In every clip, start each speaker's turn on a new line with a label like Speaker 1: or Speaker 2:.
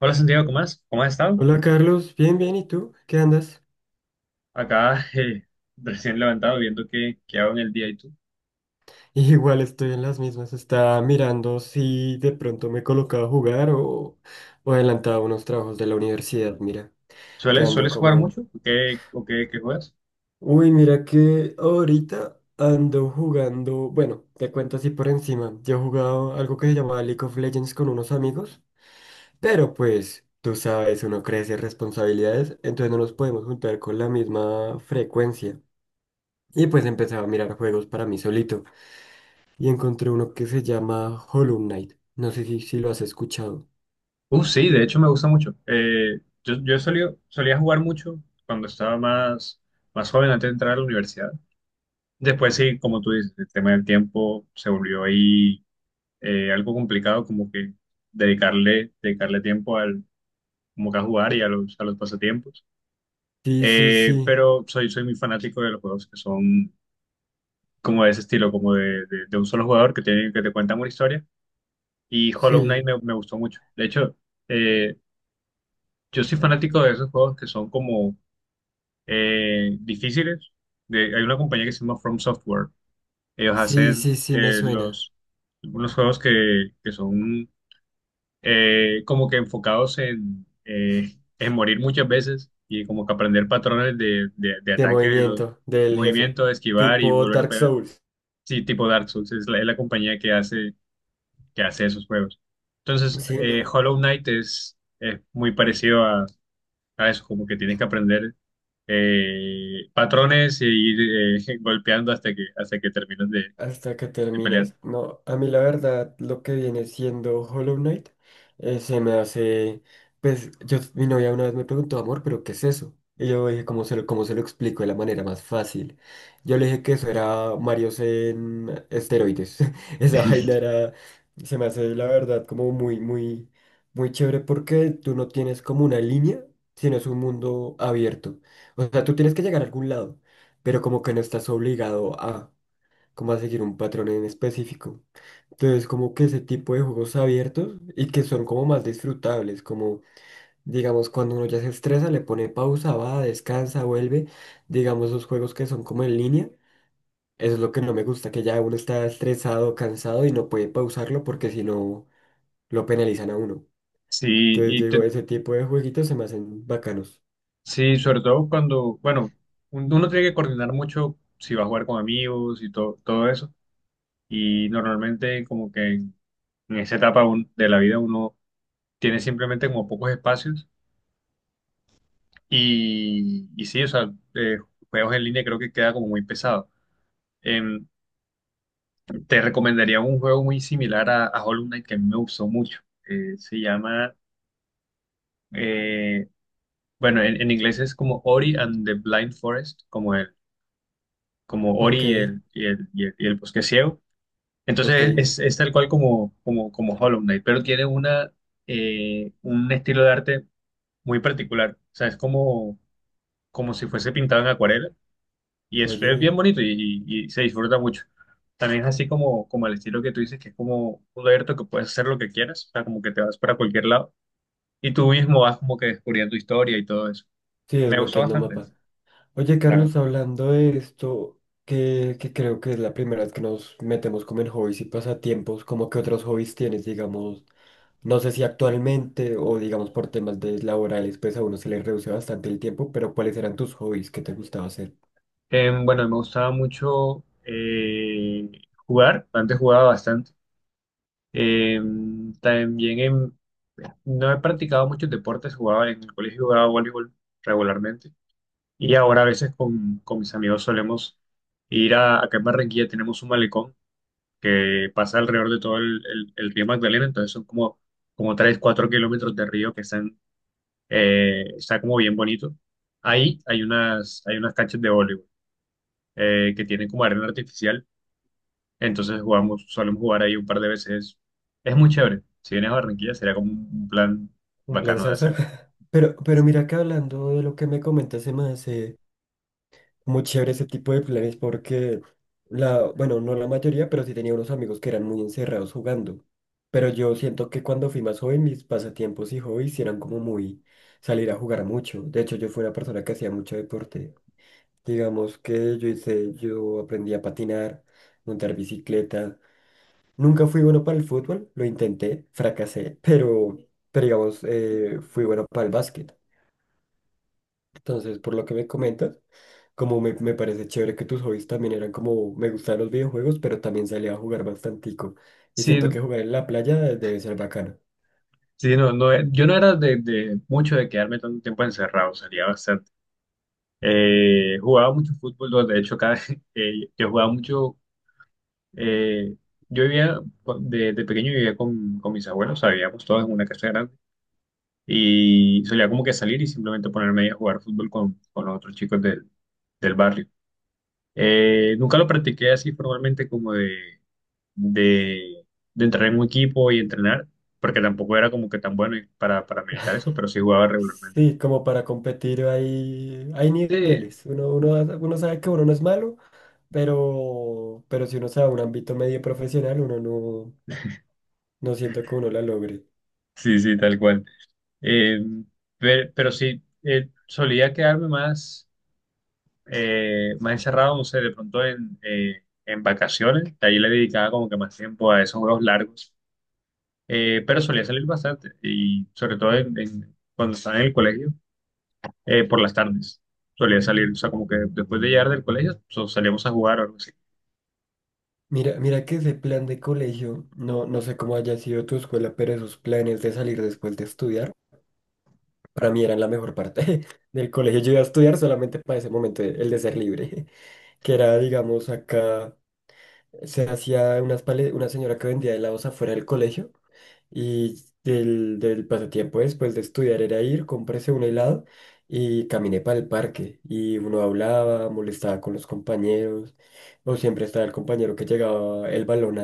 Speaker 1: Hola Santiago, ¿cómo has estado?
Speaker 2: Hola Carlos, bien, bien, ¿y tú? ¿Qué andas?
Speaker 1: Acá recién levantado viendo qué hago en el día y tú.
Speaker 2: Igual estoy en las mismas, estaba mirando si de pronto me colocaba a jugar o adelantaba unos trabajos de la universidad, mira, que
Speaker 1: ¿Sueles,
Speaker 2: ando
Speaker 1: sueles jugar
Speaker 2: como...
Speaker 1: mucho? ¿O qué juegas?
Speaker 2: Uy, mira que ahorita ando jugando, bueno, te cuento así por encima, yo he jugado algo que se llamaba League of Legends con unos amigos, pero pues tú sabes, uno crece responsabilidades, entonces no nos podemos juntar con la misma frecuencia. Y pues empezaba a mirar juegos para mí solito. Y encontré uno que se llama Hollow Knight. No sé si lo has escuchado.
Speaker 1: Sí, de hecho me gusta mucho. Yo solía jugar mucho cuando estaba más joven antes de entrar a la universidad. Después sí, como tú dices, el tema del tiempo se volvió ahí algo complicado como que dedicarle tiempo como que a jugar y a a los pasatiempos.
Speaker 2: Sí, sí,
Speaker 1: Eh,
Speaker 2: sí,
Speaker 1: pero soy, soy muy fanático de los juegos que son como de ese estilo, como de un solo jugador que te cuentan una historia. Y Hollow Knight
Speaker 2: sí,
Speaker 1: me gustó mucho. De hecho, eh, yo soy fanático de esos juegos que son como difíciles. De, hay una compañía que se llama From Software. Ellos
Speaker 2: sí,
Speaker 1: hacen
Speaker 2: sí, sí, me
Speaker 1: eh,
Speaker 2: suena.
Speaker 1: los, unos juegos que son como que enfocados en morir muchas veces y como que aprender patrones de
Speaker 2: De
Speaker 1: ataque de los
Speaker 2: movimiento del jefe,
Speaker 1: movimientos, esquivar y
Speaker 2: tipo
Speaker 1: volver a
Speaker 2: Dark
Speaker 1: pegar.
Speaker 2: Souls.
Speaker 1: Sí, tipo Dark Souls, es es la compañía que hace esos juegos. Entonces,
Speaker 2: Sí, no.
Speaker 1: Hollow Knight es muy parecido a eso, como que tienes que aprender patrones e ir golpeando hasta hasta que terminas de
Speaker 2: Hasta que
Speaker 1: pelear.
Speaker 2: terminas. No, a mí la verdad, lo que viene siendo Hollow Knight se me hace. Pues yo, mi novia una vez me preguntó, amor, ¿pero qué es eso? Y yo dije, ¿cómo se lo explico de la manera más fácil? Yo le dije que eso era Marios en esteroides. Esa vaina era. Se me hace, la verdad, como muy, muy, muy chévere porque tú no tienes como una línea, sino es un mundo abierto. O sea, tú tienes que llegar a algún lado, pero como que no estás obligado a como a seguir un patrón en específico. Entonces, como que ese tipo de juegos abiertos y que son como más disfrutables, como digamos cuando uno ya se estresa, le pone pausa, va, descansa, vuelve, digamos los juegos que son como en línea, eso es lo que no me gusta, que ya uno está estresado, cansado y no puede pausarlo porque si no lo penalizan a uno.
Speaker 1: Sí,
Speaker 2: Entonces,
Speaker 1: y
Speaker 2: digo,
Speaker 1: te-
Speaker 2: ese tipo de jueguitos se me hacen bacanos.
Speaker 1: sí, sobre todo cuando, bueno, uno tiene que coordinar mucho si va a jugar con amigos y todo eso. Y normalmente como que en esa etapa de la vida uno tiene simplemente como pocos espacios. Y sí, o sea, juegos en línea creo que queda como muy pesado. Em, te recomendaría un juego muy similar a Hollow Knight que a mí me gustó mucho. Eh, se llama, eh, bueno, en, en inglés es como Ori and the Blind Forest, como como Ori
Speaker 2: Ok,
Speaker 1: y el bosque ciego.
Speaker 2: ok,
Speaker 1: Entonces es tal cual como Hollow Knight, pero tiene un estilo de arte muy particular. O sea, es como, como si fuese pintado en acuarela. Es bien
Speaker 2: oye,
Speaker 1: bonito y se disfruta mucho. También es así como, como el estilo que tú dices, que es como abierto, que puedes hacer lo que quieras, o sea, como que te vas para cualquier lado y tú mismo vas como que descubriendo historia y todo eso.
Speaker 2: sí,
Speaker 1: Me gustó
Speaker 2: desbloqueando
Speaker 1: bastante,
Speaker 2: mapa. Oye,
Speaker 1: la verdad.
Speaker 2: Carlos, hablando de esto, que creo que es la primera vez que nos metemos como en hobbies y pasatiempos, como que otros hobbies tienes, digamos, no sé si actualmente o digamos por temas de laborales, pues a uno se le reduce bastante el tiempo, pero ¿cuáles eran tus hobbies que te gustaba hacer?
Speaker 1: Em, bueno, me gustaba mucho jugar, antes jugaba bastante. También, no he practicado muchos deportes, jugaba en el colegio, jugaba voleibol regularmente. Y ahora a veces con mis amigos solemos ir a, acá en Barranquilla tenemos un malecón que pasa alrededor de el río Magdalena, entonces son como, como 3 4 kilómetros de río que están, está como bien bonito. Ahí hay hay unas canchas de voleibol que tienen como arena artificial, entonces jugamos, solemos jugar ahí un par de veces. Es muy chévere. Si vienes a Barranquilla sería como un plan
Speaker 2: Un
Speaker 1: bacano de
Speaker 2: planzazo.
Speaker 1: hacer.
Speaker 2: Pero mira que hablando de lo que me comentas, se me hace muy chévere ese tipo de planes porque bueno, no la mayoría, pero sí tenía unos amigos que eran muy encerrados jugando. Pero yo siento que cuando fui más joven, mis pasatiempos y hobbies eran como muy salir a jugar mucho. De hecho, yo fui una persona que hacía mucho deporte. Digamos que yo hice, yo aprendí a patinar, montar bicicleta. Nunca fui bueno para el fútbol, lo intenté, fracasé, pero digamos, fui bueno para el básquet. Entonces, por lo que me comentas, como me parece chévere que tus hobbies también eran como, me gustaban los videojuegos, pero también salía a jugar bastantico. Y
Speaker 1: Sí,
Speaker 2: siento que jugar en la playa debe ser bacano.
Speaker 1: sí, no, no, yo no era de mucho de quedarme tanto tiempo encerrado, salía bastante. Jugaba mucho fútbol, ¿no? De hecho, cada, yo jugaba mucho. Eh, yo vivía, con- de pequeño vivía con mis abuelos, o sea, vivíamos todos en una casa grande y solía como que salir y simplemente ponerme ahí a jugar fútbol con los otros chicos del barrio. Nunca lo practiqué así formalmente como de, de entrar en un equipo y entrenar, porque tampoco era como que tan bueno para militar eso, pero sí jugaba regularmente.
Speaker 2: Sí, como para competir hay
Speaker 1: Sí,
Speaker 2: niveles. Uno sabe que uno no es malo, pero si uno sabe un ámbito medio profesional, uno no, no siento que uno la logre.
Speaker 1: sí, sí, tal cual. Eh, pero sí, solía quedarme más, más encerrado, no sé, de pronto en vacaciones. De ahí le dedicaba como que más tiempo a esos juegos largos. Pero solía salir bastante y sobre todo cuando estaba en el colegio, por las tardes. Solía salir, o sea, como que después de llegar del colegio, salíamos a jugar o algo así.
Speaker 2: Mira, mira que ese plan de colegio, no, no sé cómo haya sido tu escuela, pero esos planes de salir después de estudiar. Para mí eran la mejor parte del colegio. Yo iba a estudiar solamente para ese momento, el de ser libre, que era, digamos, acá se hacía unas una señora que vendía helados afuera del colegio y del pasatiempo después de estudiar era ir, cómprese un helado y caminé para el parque y uno hablaba, molestaba con los compañeros o siempre estaba el compañero que llegaba el balón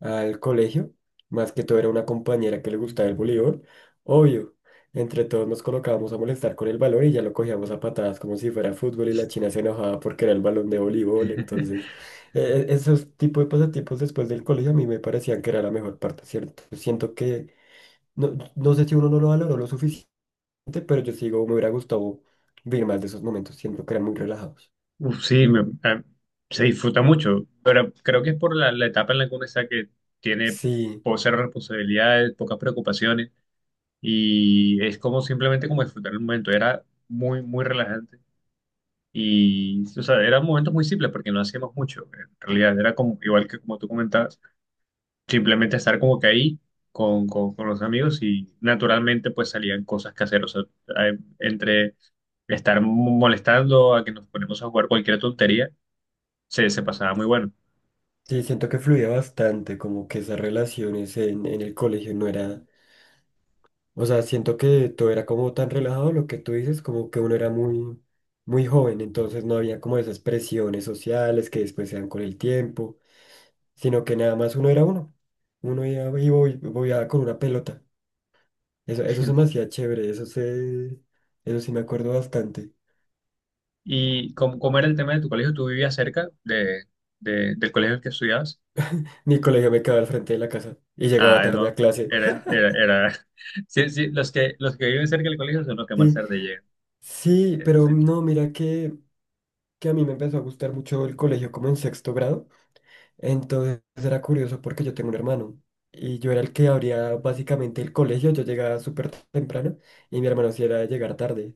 Speaker 2: al colegio, más que todo era una compañera que le gustaba el voleibol, obvio. Entre todos nos colocábamos a molestar con el balón y ya lo cogíamos a patadas como si fuera fútbol y la china se enojaba porque era el balón de voleibol. Entonces, e- esos tipos de pasatiempos después del colegio a mí me parecían que era la mejor parte, ¿cierto? Siento que, no, no sé si uno no lo valoró lo suficiente, pero yo sigo, me hubiera gustado vivir más de esos momentos, siento que eran muy relajados.
Speaker 1: Uf, sí, se disfruta mucho, pero creo que es por la etapa en la que uno está que tiene
Speaker 2: Sí,
Speaker 1: cero responsabilidades, pocas preocupaciones y es como simplemente como disfrutar el momento. Era muy, muy relajante y, o sea, eran momentos muy simples porque no hacíamos mucho. En realidad era como, igual que como tú comentabas, simplemente estar como que ahí con los amigos y naturalmente pues salían cosas caseras. O sea, entre estar molestando a que nos ponemos a jugar cualquier tontería, se pasaba muy bueno.
Speaker 2: sí, siento que fluía bastante, como que esas relaciones en el colegio no era. O sea, siento que todo era como tan relajado, lo que tú dices, como que uno era muy, muy joven, entonces no había como esas presiones sociales que después se dan con el tiempo, sino que nada más uno era uno. Uno iba y voyaba con una pelota. Eso se me hacía chévere, eso sí me acuerdo bastante.
Speaker 1: ¿Y cómo era el tema de tu colegio? ¿Tú vivías cerca del colegio en el que estudiabas?
Speaker 2: Mi colegio me quedaba al frente de la casa y llegaba
Speaker 1: Ah,
Speaker 2: tarde a
Speaker 1: no,
Speaker 2: clase.
Speaker 1: era. Sí, sí, los que viven cerca del colegio son los que más
Speaker 2: Sí,
Speaker 1: tarde llegan.
Speaker 2: sí, pero
Speaker 1: Sí.
Speaker 2: no, mira que a mí me empezó a gustar mucho el colegio como en sexto grado. Entonces era curioso porque yo tengo un hermano y yo era el que abría básicamente el colegio, yo llegaba súper temprano y mi hermano sí era de llegar tarde.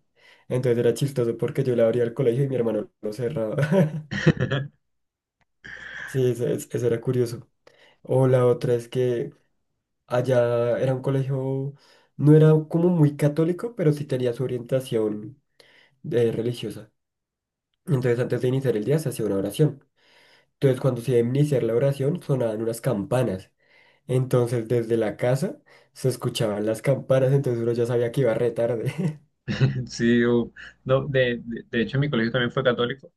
Speaker 2: Entonces era chistoso porque yo le abría el colegio y mi hermano lo cerraba. Sí, eso, eso era curioso. O la otra es que allá era un colegio, no era como muy católico, pero sí tenía su orientación religiosa. Entonces antes de iniciar el día se hacía una oración. Entonces cuando se iba a iniciar la oración sonaban unas campanas. Entonces, desde la casa se escuchaban las campanas, entonces uno ya sabía que iba re tarde.
Speaker 1: Sí, u- no, de hecho mi colegio también fue católico,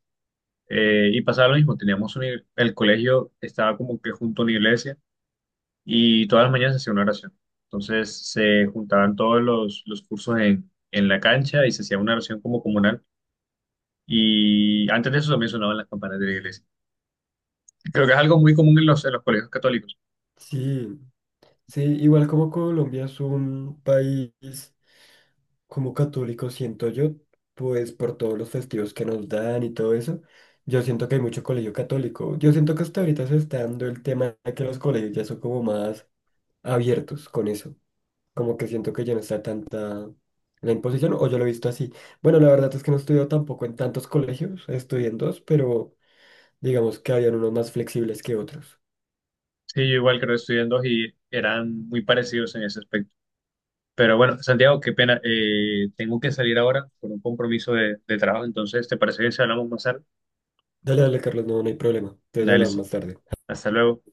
Speaker 1: y pasaba lo mismo, teníamos un, el colegio estaba como que junto a una iglesia y todas las mañanas se hacía una oración. Entonces se juntaban todos los cursos en la cancha y se hacía una oración como comunal y antes de eso también sonaban las campanas de la iglesia. Creo que es algo muy común en en los colegios católicos.
Speaker 2: Sí, sí, igual como Colombia es un país como católico, siento yo, pues por todos los festivos que nos dan y todo eso, yo siento que hay mucho colegio católico. Yo siento que hasta ahorita se está dando el tema de que los colegios ya son como más abiertos con eso. Como que siento que ya no está tanta la imposición, o yo lo he visto así. Bueno, la verdad es que no estudio tampoco en tantos colegios, estudié en dos, pero... digamos que habían unos más flexibles que otros.
Speaker 1: Sí, yo igual creo que estudié en dos y eran muy parecidos en ese aspecto. Pero bueno, Santiago, qué pena, tengo que salir ahora por un compromiso de trabajo, entonces, ¿te parece bien si hablamos más tarde?
Speaker 2: Dale, dale, Carlos, no, no hay problema. Entonces
Speaker 1: Dale,
Speaker 2: hablamos
Speaker 1: listo.
Speaker 2: más tarde.
Speaker 1: Hasta luego.